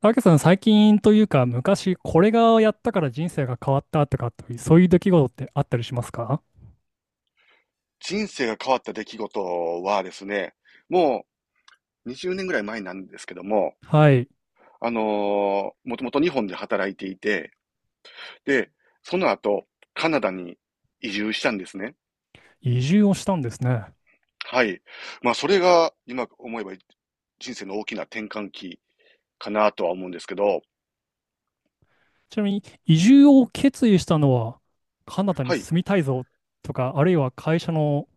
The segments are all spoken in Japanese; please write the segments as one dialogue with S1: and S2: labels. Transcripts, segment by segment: S1: たけさん、最近というか、昔これがやったから人生が変わったとか、そういう出来事ってあったりしますか？
S2: 人生が変わった出来事はですね、もう20年ぐらい前なんですけども、
S1: はい。
S2: もともと日本で働いていて、で、その後、カナダに移住したんですね。
S1: 移住をしたんですね。
S2: はい。まあ、それが、今思えば人生の大きな転換期かなとは思うんですけど、
S1: ちなみに、移住を決意したのは、カナダに
S2: はい。
S1: 住みたいぞとか、あるいは会社の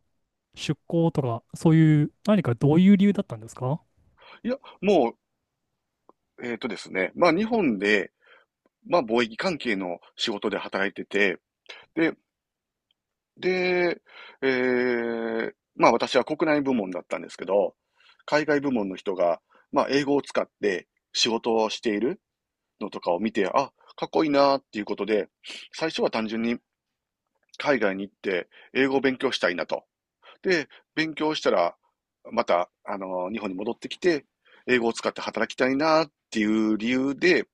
S1: 出向とか、そういう、何かどういう理由だったんですか？
S2: いや、もう、えっとですね、まあ、日本で、まあ、貿易関係の仕事で働いてて、で、で、まあ私は国内部門だったんですけど、海外部門の人が、まあ英語を使って仕事をしているのとかを見て、あ、かっこいいなっていうことで、最初は単純に海外に行って英語を勉強したいなと。で、勉強したら、また、日本に戻ってきて、英語を使って働きたいなっていう理由で、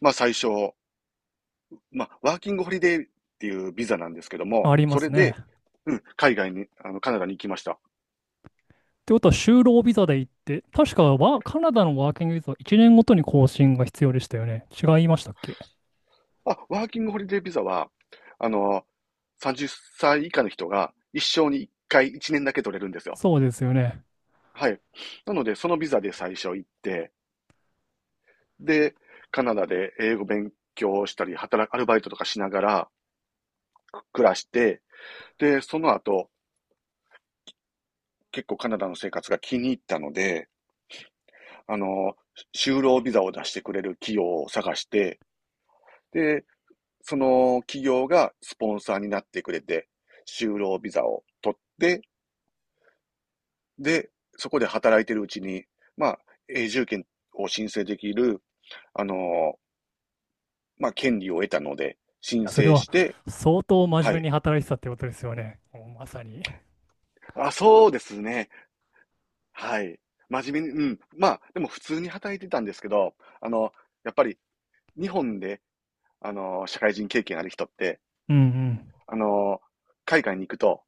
S2: まあ最初、まあ、ワーキングホリデーっていうビザなんですけども、
S1: ありま
S2: それ
S1: すね。
S2: で、
S1: っ
S2: うん、海外に、カナダに行きました。
S1: てことは、就労ビザで行って、確かはカナダのワーキングビザは1年ごとに更新が必要でしたよね。違いましたっけ？
S2: あ、ワーキングホリデービザは、あの、30歳以下の人が一生に1回1年だけ取れるんですよ。
S1: そうですよね。
S2: はい。なので、そのビザで最初行って、で、カナダで英語勉強したり、働く、アルバイトとかしながら暮らして、で、その後、結構カナダの生活が気に入ったので、あの、就労ビザを出してくれる企業を探して、で、その企業がスポンサーになってくれて、就労ビザを取って、で、そこで働いてるうちに、まあ、永住権を申請できる、あのーまあ、権利を得たので、申
S1: いや、それ
S2: 請
S1: は
S2: して、
S1: 相当真面
S2: は
S1: 目
S2: い。
S1: に働いてたってことですよね。もうまさに。
S2: あ、そうですね。はい。真面目に、うん。まあ、でも普通に働いてたんですけど、あの、やっぱり日本で、社会人経験ある人って、
S1: うんうん。
S2: あの、海外に行くと、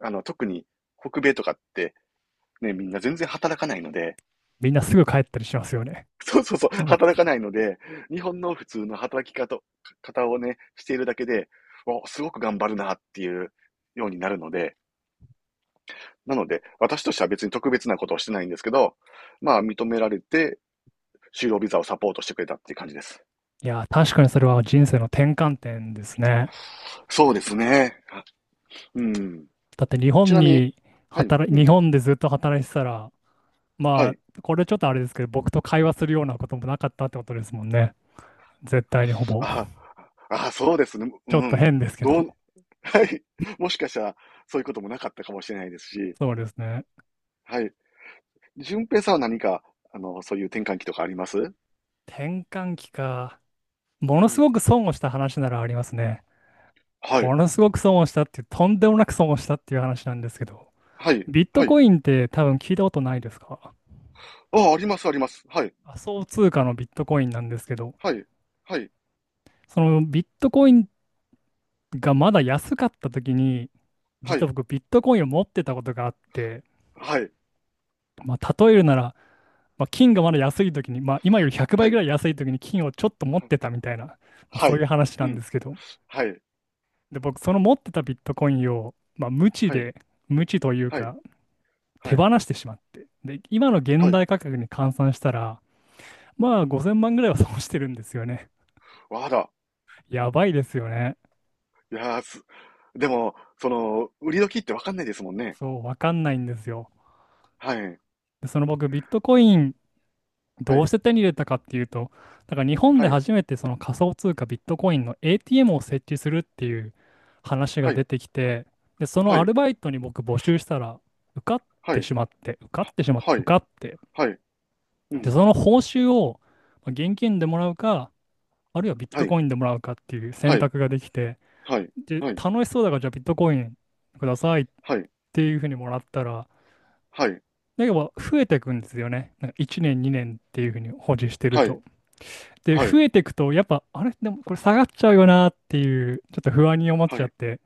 S2: 特に北米とかって、ね、みんな全然働かないので、
S1: みんなすぐ帰ったりしますよね。
S2: そうそうそう、
S1: も
S2: 働
S1: う。
S2: かないので、日本の普通の働き方をね、しているだけで、お、すごく頑張るなっていうようになるので、なので、私としては別に特別なことをしてないんですけど、まあ認められて、就労ビザをサポートしてくれたっていう感じです。
S1: いや、確かにそれは人生の転換点ですね。
S2: そうですね。あうん。
S1: だって
S2: ちなみに、はい、う
S1: 日
S2: ん、
S1: 本でずっと働いてたら、
S2: は
S1: ま
S2: い。
S1: あ、これちょっとあれですけど、僕と会話するようなこともなかったってことですもんね。絶対にほぼ。
S2: あ、あ、そうですね。
S1: ち
S2: う
S1: ょっと
S2: ん。
S1: 変ですけ
S2: ど
S1: ど。
S2: う、はい。もしかしたら、そういうこともなかったかもしれないですし、
S1: そうですね。
S2: はい。順平さんは何か、そういう転換期とかあります？
S1: 転換期か。もの
S2: う
S1: すご
S2: ん。
S1: く損をした話ならありますね。
S2: はい。
S1: ものすごく損をしたっていう、とんでもなく損をしたっていう話なんですけど、
S2: はい。
S1: ビット
S2: はい。
S1: コインって多分聞いたことないですか？
S2: ああ、あります、あります。はい。
S1: 仮想通貨のビットコインなんですけど、
S2: はい。はい。
S1: そのビットコインがまだ安かった時に、
S2: は
S1: 実は
S2: い。
S1: 僕ビットコインを持ってたことがあって、
S2: はい。
S1: まあ、例えるなら、まあ、金がまだ安い時に、まあ、今より100
S2: は
S1: 倍ぐら
S2: い。
S1: い安い時に金をちょっと持っ
S2: はい。
S1: てたみたいな、まあ、
S2: は
S1: そういう
S2: い。
S1: 話な
S2: う
S1: んで
S2: ん。
S1: すけど、
S2: はい。
S1: で、僕その持ってたビットコインを、まあ、無知
S2: はい。
S1: で、無知という
S2: はい。
S1: か
S2: は
S1: 手
S2: い。
S1: 放してしまって、で、今の
S2: は
S1: 現
S2: い。
S1: 代価格に換算したら、まあ5000万ぐらいは損してるんですよね。
S2: わあら。
S1: やばいですよね。
S2: いやーす。でも、その、売り時ってわかんないですもんね。
S1: そう、わかんないんですよ。
S2: はい。
S1: で、その僕、ビットコイン
S2: は
S1: どうし
S2: い。
S1: て手に入れたかっていうと、だから日本
S2: は
S1: で
S2: い。
S1: 初めてその仮想通貨ビットコインの ATM を設置するっていう話が
S2: はい。
S1: 出てきて、で、その
S2: は
S1: ア
S2: い。
S1: ルバイトに僕募集したら受かっ
S2: は
S1: て
S2: い。
S1: しまって、受かってしまって、
S2: は
S1: 受
S2: い。
S1: かって、
S2: はい。う
S1: で、
S2: ん。
S1: その報酬をまあ現金でもらうか、あるいはビッ
S2: は
S1: ト
S2: い。
S1: コインでもらうかっていう
S2: は
S1: 選
S2: い。
S1: 択ができて、
S2: はい。
S1: で、
S2: はい。
S1: 楽しそうだからじゃあビットコインくださいっ
S2: はい。
S1: ていうふうにもらったら、
S2: はい。
S1: だけど増えていくんですよね。なんか1年、2年っていうふうに保持してると。で、
S2: はい。は
S1: 増
S2: い。
S1: えていくと、やっぱ、あれでもこれ下がっちゃうよなっていう、ちょっと不安に思っ
S2: は
S1: ちゃっ
S2: い。
S1: て、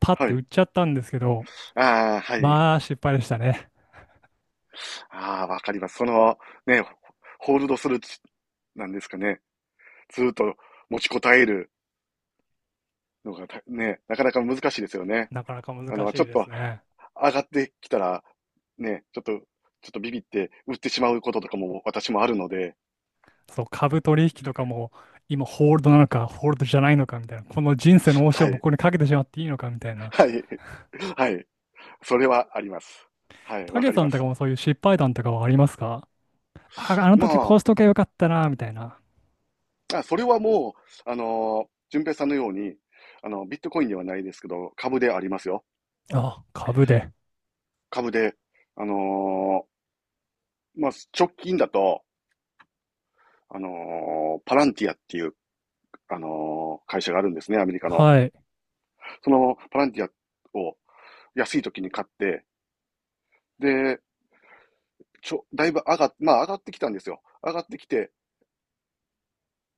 S1: パッ
S2: は
S1: て売
S2: い。
S1: っちゃったんですけど、
S2: ああ、はい。
S1: まあ、失敗でしたね。
S2: ああ、わかります。ね、ホールドする、なんですかね。ずっと持ちこたえるのがね、なかなか難しいですよね。
S1: なかなか難
S2: ち
S1: しい
S2: ょっ
S1: です
S2: と
S1: ね。
S2: 上がってきたら、ね、ちょっとビビって売ってしまうこととかも私もあるので、
S1: そう、株取引とかも、今ホールドなのか、ホールドじゃないのかみたいな、この人生の応酬を
S2: はい、
S1: 僕にかけてしまっていいのかみたいな。
S2: はい、はい。それはあります。はい、
S1: た
S2: わ
S1: け
S2: かり
S1: さ
S2: ま
S1: んとか
S2: す。
S1: もそういう失敗談とかはありますか？あ、あの
S2: ま
S1: 時こ
S2: あ、
S1: うしとけばよかったな、みたいな。
S2: それはもう、順平さんのように、ビットコインではないですけど、株でありますよ。
S1: あ、株で。
S2: 株で、あのまあ、直近だと、パランティアっていう、会社があるんですね、アメリカの。
S1: はい。
S2: そのパランティアを安い時に買って、で、だいぶ上がっ、まあ上がってきたんですよ。上がってきて、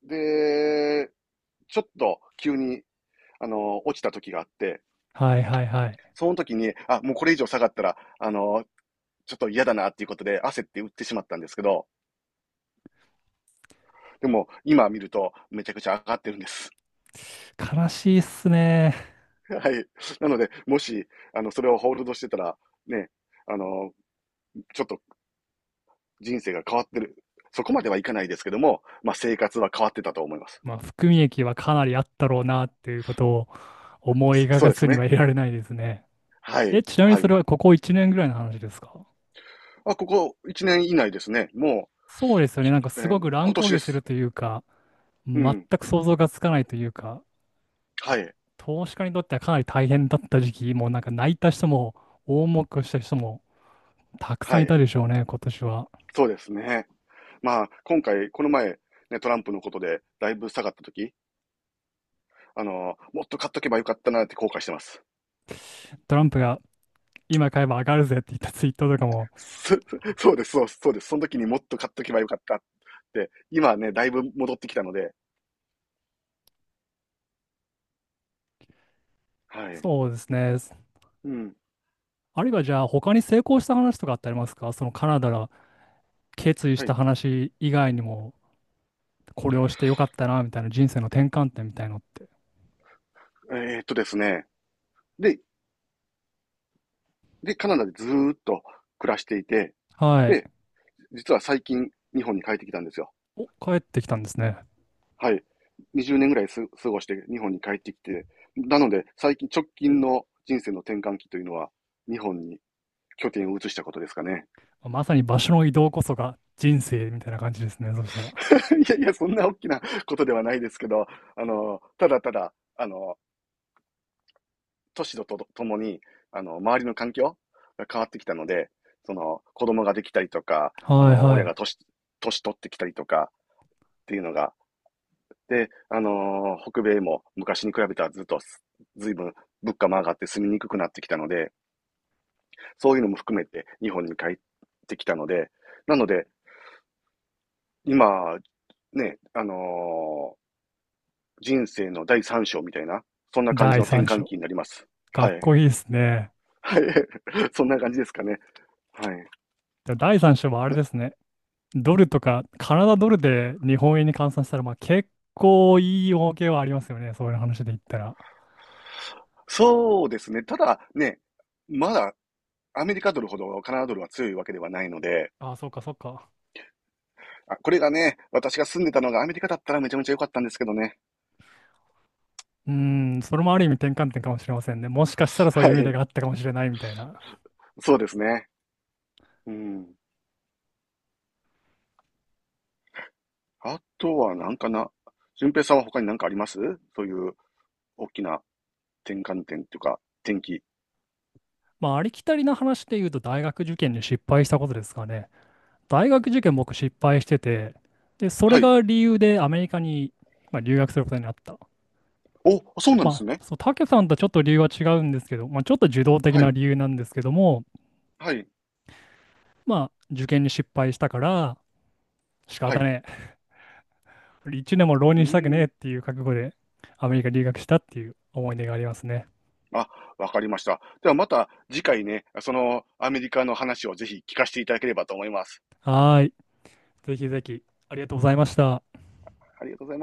S2: で、ちょっと急に、落ちた時があって、
S1: はいはいはい。
S2: その時に、あ、もうこれ以上下がったら、ちょっと嫌だなっていうことで焦って売ってしまったんですけど、でも今見るとめちゃくちゃ上がってるんです。
S1: 悲しいっすね。
S2: はい。なので、もし、それをホールドしてたら、ね、あの、ちょっと人生が変わってる。そこまではいかないですけども、まあ、生活は変わってたと思います。
S1: まあ、含み益はかなりあったろうなっていうことを思い
S2: そ
S1: 描
S2: そう
S1: か
S2: です
S1: ずには
S2: ね。
S1: いられないですね。
S2: はい。
S1: え、ちなみに
S2: は
S1: それ
S2: い。
S1: はここ1年ぐらいの話ですか？
S2: あ、ここ1年以内ですね。も
S1: そうですよね。なんか
S2: う、
S1: すごく乱
S2: 今年
S1: 高
S2: で
S1: 下する
S2: す。
S1: というか、
S2: う
S1: 全
S2: ん。
S1: く想像がつかないというか、
S2: はい。
S1: 投資家にとってはかなり大変だった時期、もうなんか泣いた人も、大儲けをした人もたくさん
S2: は
S1: いた
S2: い。
S1: でしょうね、今年は。
S2: そうですね。まあ、今回、この前、ね、トランプのことで、だいぶ下がった時、もっと買っとけばよかったなって後悔してます。
S1: トランプが今買えば上がるぜって言ったツイートとかも。
S2: そ そうです、そうです、そうです。その時にもっと買っとけばよかった。今ね、だいぶ戻ってきたので、はい。
S1: そうですね。
S2: うん。
S1: あるいはじゃあ他に成功した話とかってありますか？そのカナダ決意し
S2: は
S1: た
S2: い。
S1: 話以外にも、これをしてよかったな、みたいな人生の転換点みたいのって。
S2: ですね。で、カナダでずーっと暮らしていて、
S1: はい。
S2: で、実は最近日本に帰ってきたんですよ。
S1: お、帰ってきたんですね。
S2: はい。20年ぐらい過ごして日本に帰ってきて、なので最近直近の人生の転換期というのは日本に拠点を移したことですかね。
S1: まさに場所の移動こそが人生みたいな感じですね。そしたら。
S2: いやいや、そんな大きなことではないですけど、ただただ、年とともに、周りの環境が変わってきたので、その、子供ができたりとか、
S1: はいは
S2: 親が
S1: い。
S2: 年取ってきたりとかっていうのが、で、北米も昔に比べたらずっとずいぶん物価も上がって住みにくくなってきたので、そういうのも含めて日本に帰ってきたので、なので、今、ね、人生の第三章みたいな、そんな感じ
S1: 第
S2: の転
S1: 3
S2: 換
S1: 章。
S2: 期になります。
S1: か
S2: は
S1: っ
S2: い。
S1: こいいですね。
S2: はい。そんな感じですかね。はい。
S1: で第3章はあれですね。ドルとか、カナダドルで日本円に換算したら、まあ結構いい儲けはありますよね。そういう話で言ったら。
S2: そうですね。ただね、まだアメリカドルほどカナダドルは強いわけではないので、
S1: ああ、そうかそうか。
S2: あ、これがね、私が住んでたのがアメリカだったらめちゃめちゃ良かったんですけどね。
S1: うーん、それもある意味転換点かもしれませんね。もしかしたらそういう意
S2: は
S1: 味で
S2: い。
S1: があったかもしれないみたいな。
S2: そうですね。うん。あとはなんかな、順平さんは他に何かあります？そういう大きな転換点というか、転機。
S1: まあ、ありきたりな話で言うと、大学受験に失敗したことですかね。大学受験、僕失敗してて、で、それ
S2: はい。
S1: が理由でアメリカに、まあ、留学することになった。
S2: お、そうなんで
S1: ま
S2: す
S1: あ、
S2: ね。
S1: そう、たけさんとちょっと理由は違うんですけど、まあ、ちょっと受動的
S2: は
S1: な
S2: い。
S1: 理由なんですけども、
S2: はい。
S1: まあ、受験に失敗したから、仕
S2: は
S1: 方
S2: い。
S1: ねえ。一年も浪
S2: う
S1: 人
S2: ー
S1: したくねえっ
S2: ん。
S1: ていう覚悟で、アメリカ留学したっていう思い出がありますね。
S2: あ、わかりました。ではまた次回ね、そのアメリカの話をぜひ聞かせていただければと思います。
S1: はーい。ぜひぜひ、ありがとうございました。
S2: ありがとうございます。